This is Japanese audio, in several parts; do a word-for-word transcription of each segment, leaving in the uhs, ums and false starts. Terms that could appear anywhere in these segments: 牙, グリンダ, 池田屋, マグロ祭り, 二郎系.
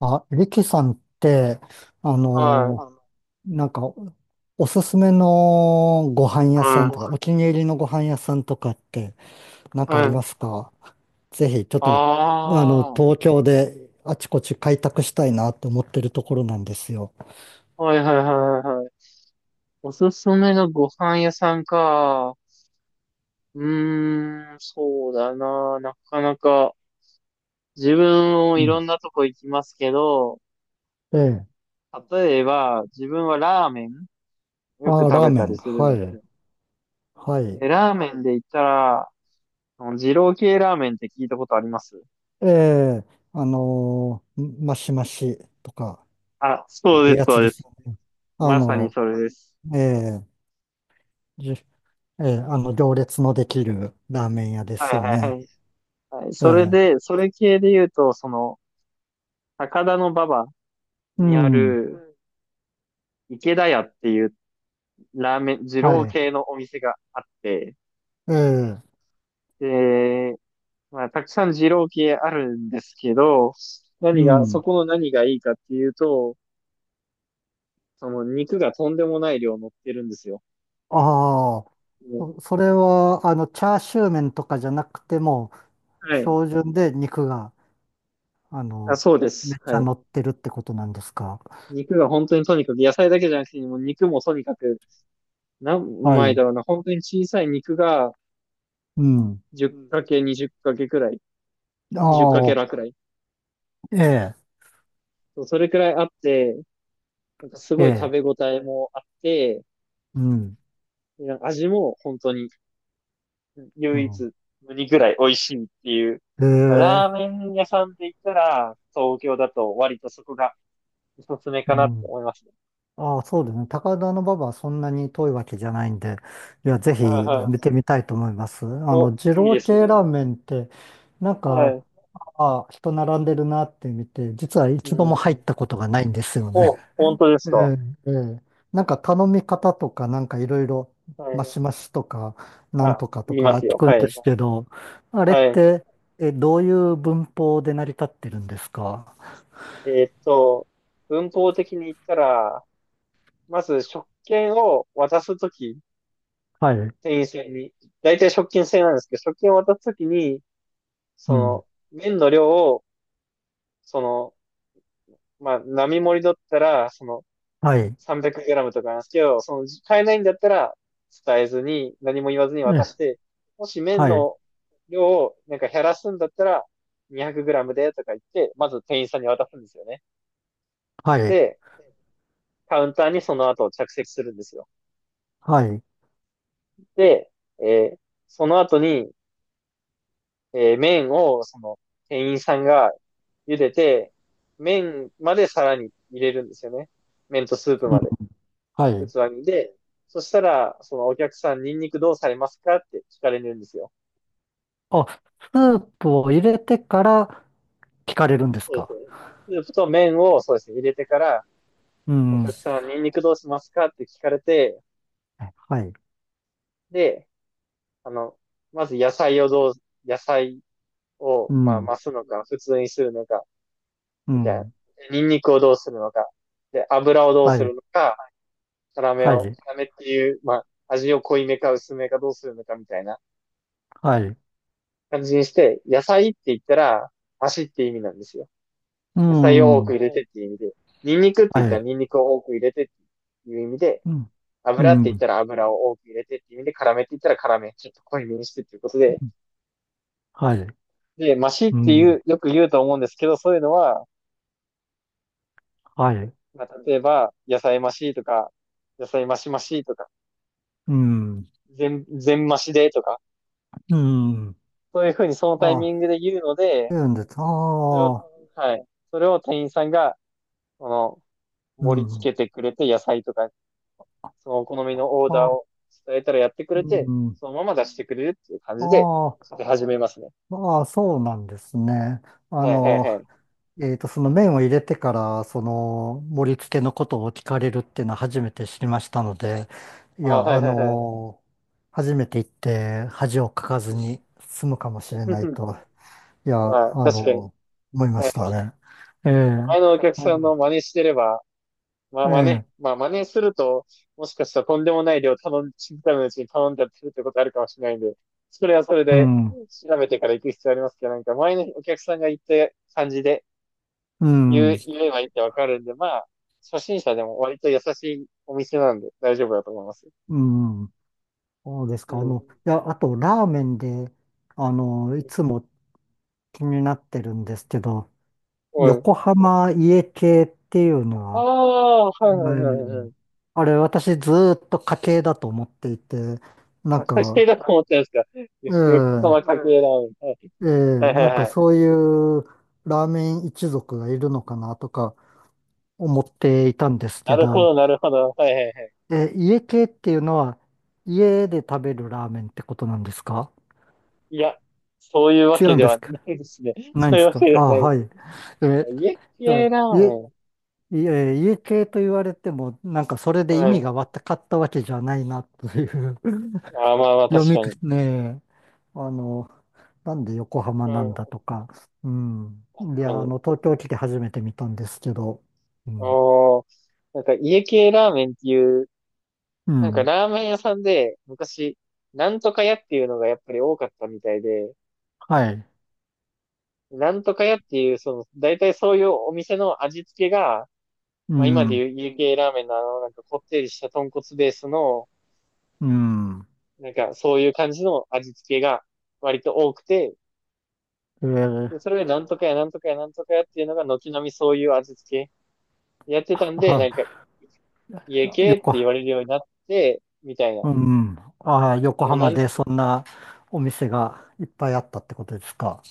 あ、リキさんって、あはあのの、い、ーなんか、おすすめのご飯屋さはんごとか、お飯。気に入りのご飯屋さんとかって、なんかはありい、はい。ますか？ぜひ、ちょっあと、あの、あ、は東京であちこち開拓したいなって思ってるところなんですよ。い、はい、はい、はいはい。おすすめのご飯屋さんか。うーん、そうだな。なかなか、自分もういん。ろんなとこ行きますけど、ええ。例えば、自分はラーメンよくあー、食ラーべメたン。りするはんですい。よ。はい。でラーメンで言ったら、あの二郎系ラーメンって聞いたことあります？ええ、あのーマシマシとか、あ、いそううです、やつそうでですす。よね。あまさにの、それです。ええ。ええ、あの、行列のできるラーメン屋ではすい、よはい、はね。い。はい、えそれえ、で、それ系で言うと、その、高田馬場うにあん、る、池田屋っていうラーメン、二は郎い。系のお店があって、ええ、で、まあ、たくさん二郎系あるんですけど、う何が、そん。この何がいいかっていうと、その肉がとんでもない量乗ってるんですよ。ああ、もうそそれは、あの、チャーシュー麺とかじゃなくても、はい。標準で肉が、ああ、の、そうでめす。っちはゃい。乗ってるってことなんですか？肉が本当にとにかく、野菜だけじゃなくて、もう肉もとにかく、何は枚だい。ろうな、本当に小さい肉がうん。じゅうん。いち れい × に れいけくらい、あに れいけらあ、くらい。ええ、そうそれくらいあって、なんかすえごい食え、べ応えもあって、うん、なんか味も本当にう唯一ん。無二ぐらい美味しいっていう。えまあ、ラーえ、メン屋さんで言ったら、東京だと割とそこがおすすめかうなってん。思いますね。ああ、そうですね。高田馬場はそんなに遠いわけじゃないんで、いや、ぜひはいは見てい。みたいと思います。あお、の、二いい郎です系ね。ラーメンって、なんはか、い。ああ、人並んでるなって見て、実はう一度もん。入ったことがないんですよね。お、本当で すえか？え、ええ。なんか頼み方とか、なんかいろいろ、はマい。シマシとか、なんあ、とかと言いかます聞よ。くんはでい。すけど、あれっはい。て、え、どういう文法で成り立ってるんですか？えーっと、文法的に言ったら、まず食券を渡すとき、はい。店員さんに、大体食券制なんですけど、食券を渡すときに、うそん。の、麺の量を、その、まあ、並盛りだったら、その、はい。さんびゃくグラム とかなんですけど、その、買えないんだったら、伝えずに、何も言わずにえ渡しえ、て、もし麺はい。の量を、なんか減らすんだったら、にひゃくグラム で、とか言って、まず店員さんに渡すんですよね。はい。で、カウンターにその後着席するんですよ。はい。で、えーその後に、えー麺を、その、店員さんが茹でて、麺まで皿に入れるんですよね。麺とスープうん、まで、はい。器に。で、そしたら、そのお客さん、ニンニクどうされますかって聞かれるんですよ。あ、スープを入れてから聞かれるんですそうですか？ね。スープと麺を、そうですね、入れてから、うおん。客さん、ニンニクどうしますかって聞かれて、はい。で、あの、まず野菜をどう、野菜うを、まあ、ん。増すのか、普通にするのか、うみたいな。ん。ニンニクをどうするのか、で、油をどうはすい。るのか、辛めはを、い。辛めっていう、まあ、味を濃いめか薄めかどうするのかみたいなはい。感じにして、野菜って言ったら、足って意味なんですよ。う野菜を多ん。くは入れてっていう意味で、ニンニクって言っい。たらニンニクを多く入れてっていう意味で、うん。う油って言ったん。ら油を多く入れてっていう意味で、辛めって言ったら辛め、ちょっと濃いめにしてっていうことで、はい。で、マシっうていん。う、よく言うと思うんですけど、そういうのは、はい。まあ、例えば、野菜マシとか、野菜マシマシとか、うん。全、全マシでとか、うん。そういうふうにそのタイミあ、ングで言うので、そうなんです。それを、ああ。はい。それを店員さんが、その、う盛り付ん。けてくれて、野菜とか、そのお好みのオーダーあ、を伝えたらやってくうれて、ん。そのまま出してくれるっていう感じで、ああ。食べ始めますね。ああ、そうなんですね。あはいはいの、はい。えっと、その麺を入れてから、その盛り付けのことを聞かれるっていうのは初めて知りましたので、いあ、や、はいあはいはい。の、初めて行って恥をかかずうに済むかもん しれない と、いや、まあ、あ確かに。の、思いまはい。したね。ええ、前のお客うさんん、の真似してれば、まあえ真似、え、まあ真似すると、もしかしたらとんでもない量頼ん、知るためのうちに頼んじゃってるってことあるかもしれないんで、それはそれうでん、調べてから行く必要ありますけど、なんか前のお客さんが言った感じで、う言ん、う、言えばいいってわかるんで、まあ、初心者でも割と優しいお店なんで大丈夫だと思います。うん、そうですうか。あの、ん。いや、あと、ラーメンで、あの、いつも気になってるんですけど、おい。横浜家系っていうのあは、あ、はいははいはいはい。い。あれ私ずーっと家系だと思っていて、なあ、ん家系か、だと思ってるんですか？よくこのえ家系ラーメン。はいえええはいはなんいはかい。そういうラーメン一族がいるのかなとか思っていたんですなけるほど、ど、なるほど。はいはいはい。え、家系っていうのは家で食べるラーメンってことなんですか？いや、そういうわ違けうんでではすか？ないですね。ないんそうでいうすわか？けであはなあ、いではい。すね。え、家じゃあ、系ラー家メン。いえ 家系と言われても、なんかそれで意はい。味がわかったわけじゃないなという あー、まあま あ、読確みかくに。ねえ、あの、なんで横浜うなんだん。とか、うん。確いかや、あに。の、東京来て初めて見たんですけど、うん。おー、なんか家系ラーメンっていううなんかん。ラーメン屋さんで昔、なんとか屋っていうのがやっぱり多かったみたいで、はい。なんとか屋っていう、その、大体そういうお店の味付けが、うまあ今でん。言う有形ラーメンのあの、なんかこってりした豚骨ベースの、うん。なんかそういう感じの味付けが割と多くて、えー、でそれでなんとか屋、なんとか屋、なんとか屋っていうのが軒並みそういう味付けやってたんで、なんかあ、家系って横、言われるようになって、みたいな。うん。ああ、で横もな浜ん、でそんなお店がいっぱいあったってことですか？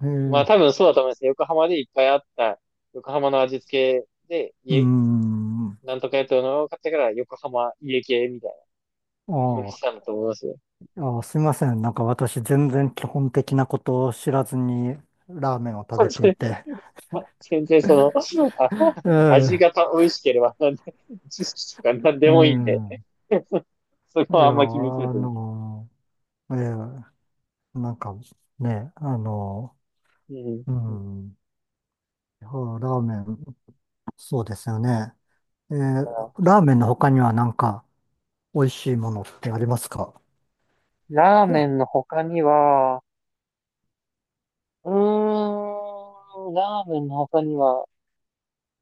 えまあー、多分そうだと思います。横浜でいっぱいあった、横浜の味付けで、う家、ん。あなんとかやったのを買ってから、横浜家系みたいな、うんしたあ。んだと思いますよ。あ、すいません。なんか私全然基本的なことを知らずにラーメンを食そうべですていね。て。まあ全然その、あえ味え、がた美味しければ、なんで、知識とかなんえでもいいんで、え。そいこや、はあんま気にせあずに。の、ええ、なんかね、あの、うん。うん。いやラーメン、そうですよね。ええ、ラーメンの他にはなんか美味しいものってありますか？ ラーメン の他には、うーん、ラーメンの他には、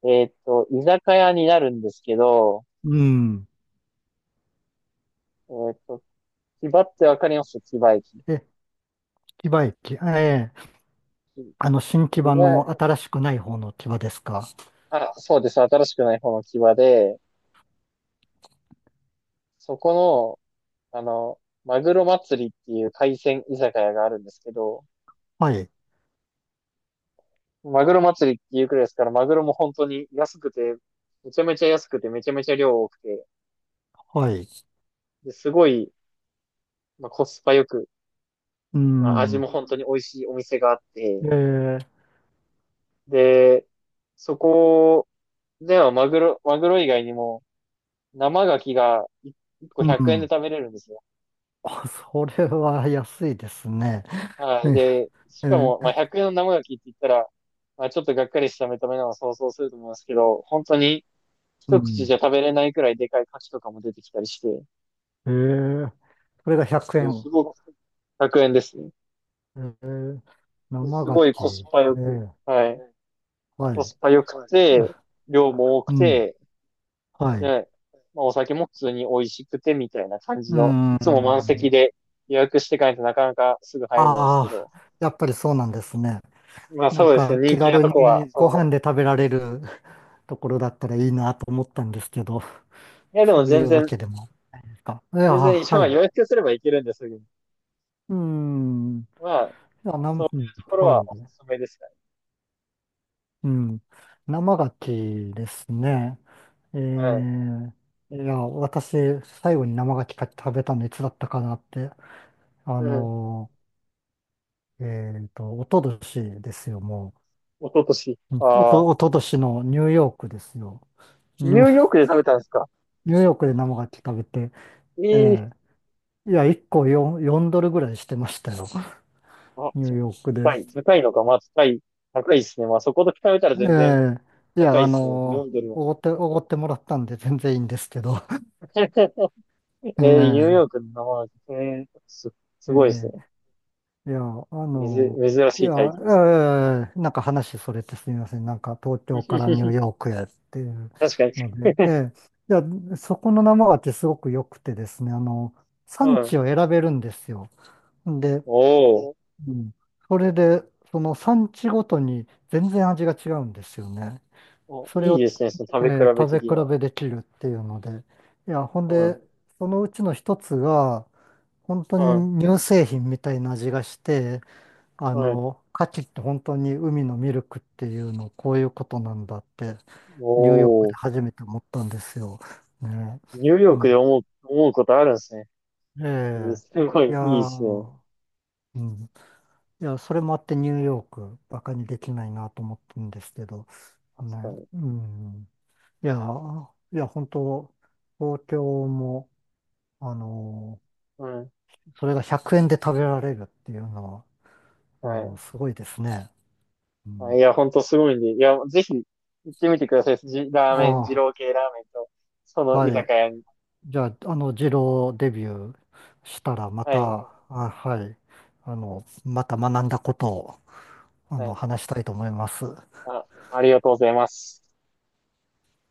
えーっと、居酒屋になるんですけど、うん。えーっと、牙ってわかります？牙駅。え、木場駅。ええ、あの、新木き場の牙、新しくない方の木場ですか？あ、そうです。新しくない方の牙で、そこの、あの、マグロ祭りっていう海鮮居酒屋があるんですけど、はい、マグロ祭りっていうくらいですから、マグロも本当に安くて、めちゃめちゃ安くて、めちゃめちゃ量多くて、はい。ですごい、まあ、コスパよく、うまあ、味ん。も本当に美味しいお店があって、ええで、そこではマグロ、マグロ以外にも生牡蠣がいっこうひゃくえんでん。食べ れるんですよ。あ、それは安いですね。はい。で、しえかも、まえあ、ひゃくえんの生ガキって言ったら、まあ、ちょっとがっかりした目た目なのを想像すると思いますけど、本当にう一口ん。じゃ食べれないくらいでかい牡蠣とかも出てきたりして、もえー、それが100う円。すごくひゃくえんですね。ええ、で生す牡ごい蠣。コスパえよく、え、はい。はコい。スパよく て、あ量も多うくん。て、はい。で、まあ、お酒も普通に美味しくてみたいな感じうの、いつも満ん。席で予約していかないとなかなかすぐ入れないですけあど、あ、やっぱりそうなんですね。まあなんそうですかね、気人気な軽とこは、にそごの、飯で食べられる ところだったらいいなと思ったんですけど、いやでそもうい全うわ然けでもないか。いや、全然、一応はまあい。予約すればいけるんですぐに。うん。いまあ、や、なそうん、いうんうところははおい。すすめですね。うん。生牡蠣ですね。えはい。ー、いや、私、最後に生牡蠣食べたのいつだったかなって、あうん。のー、えっと、おととしですよ、もおととし。う。うんおああ、と、おととしのニューヨークですよ。ニニュ、ューヨークで食べたんですか？ニューヨークで生牡蠣食べて、ええええいや、いっこよん、よんドルぐらいしてましたよ、あ、ニューじゃヨークで。高い。高いのか。まあ、高い。高いですね。まあ、そこと比べたら全然ええい高や、いあですね。のよんドルは。ー、おごって、おごってもらったんで全然いいんですけど、えー、ニュ えーー、ヨークの生なんですねえーす、すえごいですね。え。いや、あめず、の、珍いしや、いえ体験ですえなんか話それてすみません。なんか東ね。京からニ ューヨークへっていう確かに。ので、で、いや、そこの生ってすごく良くてですね、あの、は産い。地を選べるんですよ。で、おーうん、それで、その産地ごとに全然味が違うんですよね。お。それいいを、ですね。その食えべー比べ食べ的な。比べできるっていうので、いや、ほんはで、い。そのうちの一つが、本当はにい。乳製品みたいな味がして、あはい。の、牡蠣って本当に海のミルクっていうの、こういうことなんだって、ニューヨークおでお。初めて思ったんですよ。ね。ニューヨーうクでん。思う、思うことあるんですね。えうんえ。すごいいやいいですね。ー、うん。いや、それもあってニューヨーク、バカにできないなと思ってるんですけど、確かね。に。うん。いやー、いや、本当、東京も、あのーうん。それがひゃくえんで食べられるっていうのは、あはの、い。すごいですね。うあいん。や、ほんとすごいんで。いや、ぜひ行ってみてください。じ、ラーメン、二あ郎系ラーメンと、そあ、の居はい。酒屋に。じゃあ、あの、二郎デビューしたら、まはい。た、あ、はい、あの、また学んだことを、あはの、い。話したいと思います。あ、ありがとうございます。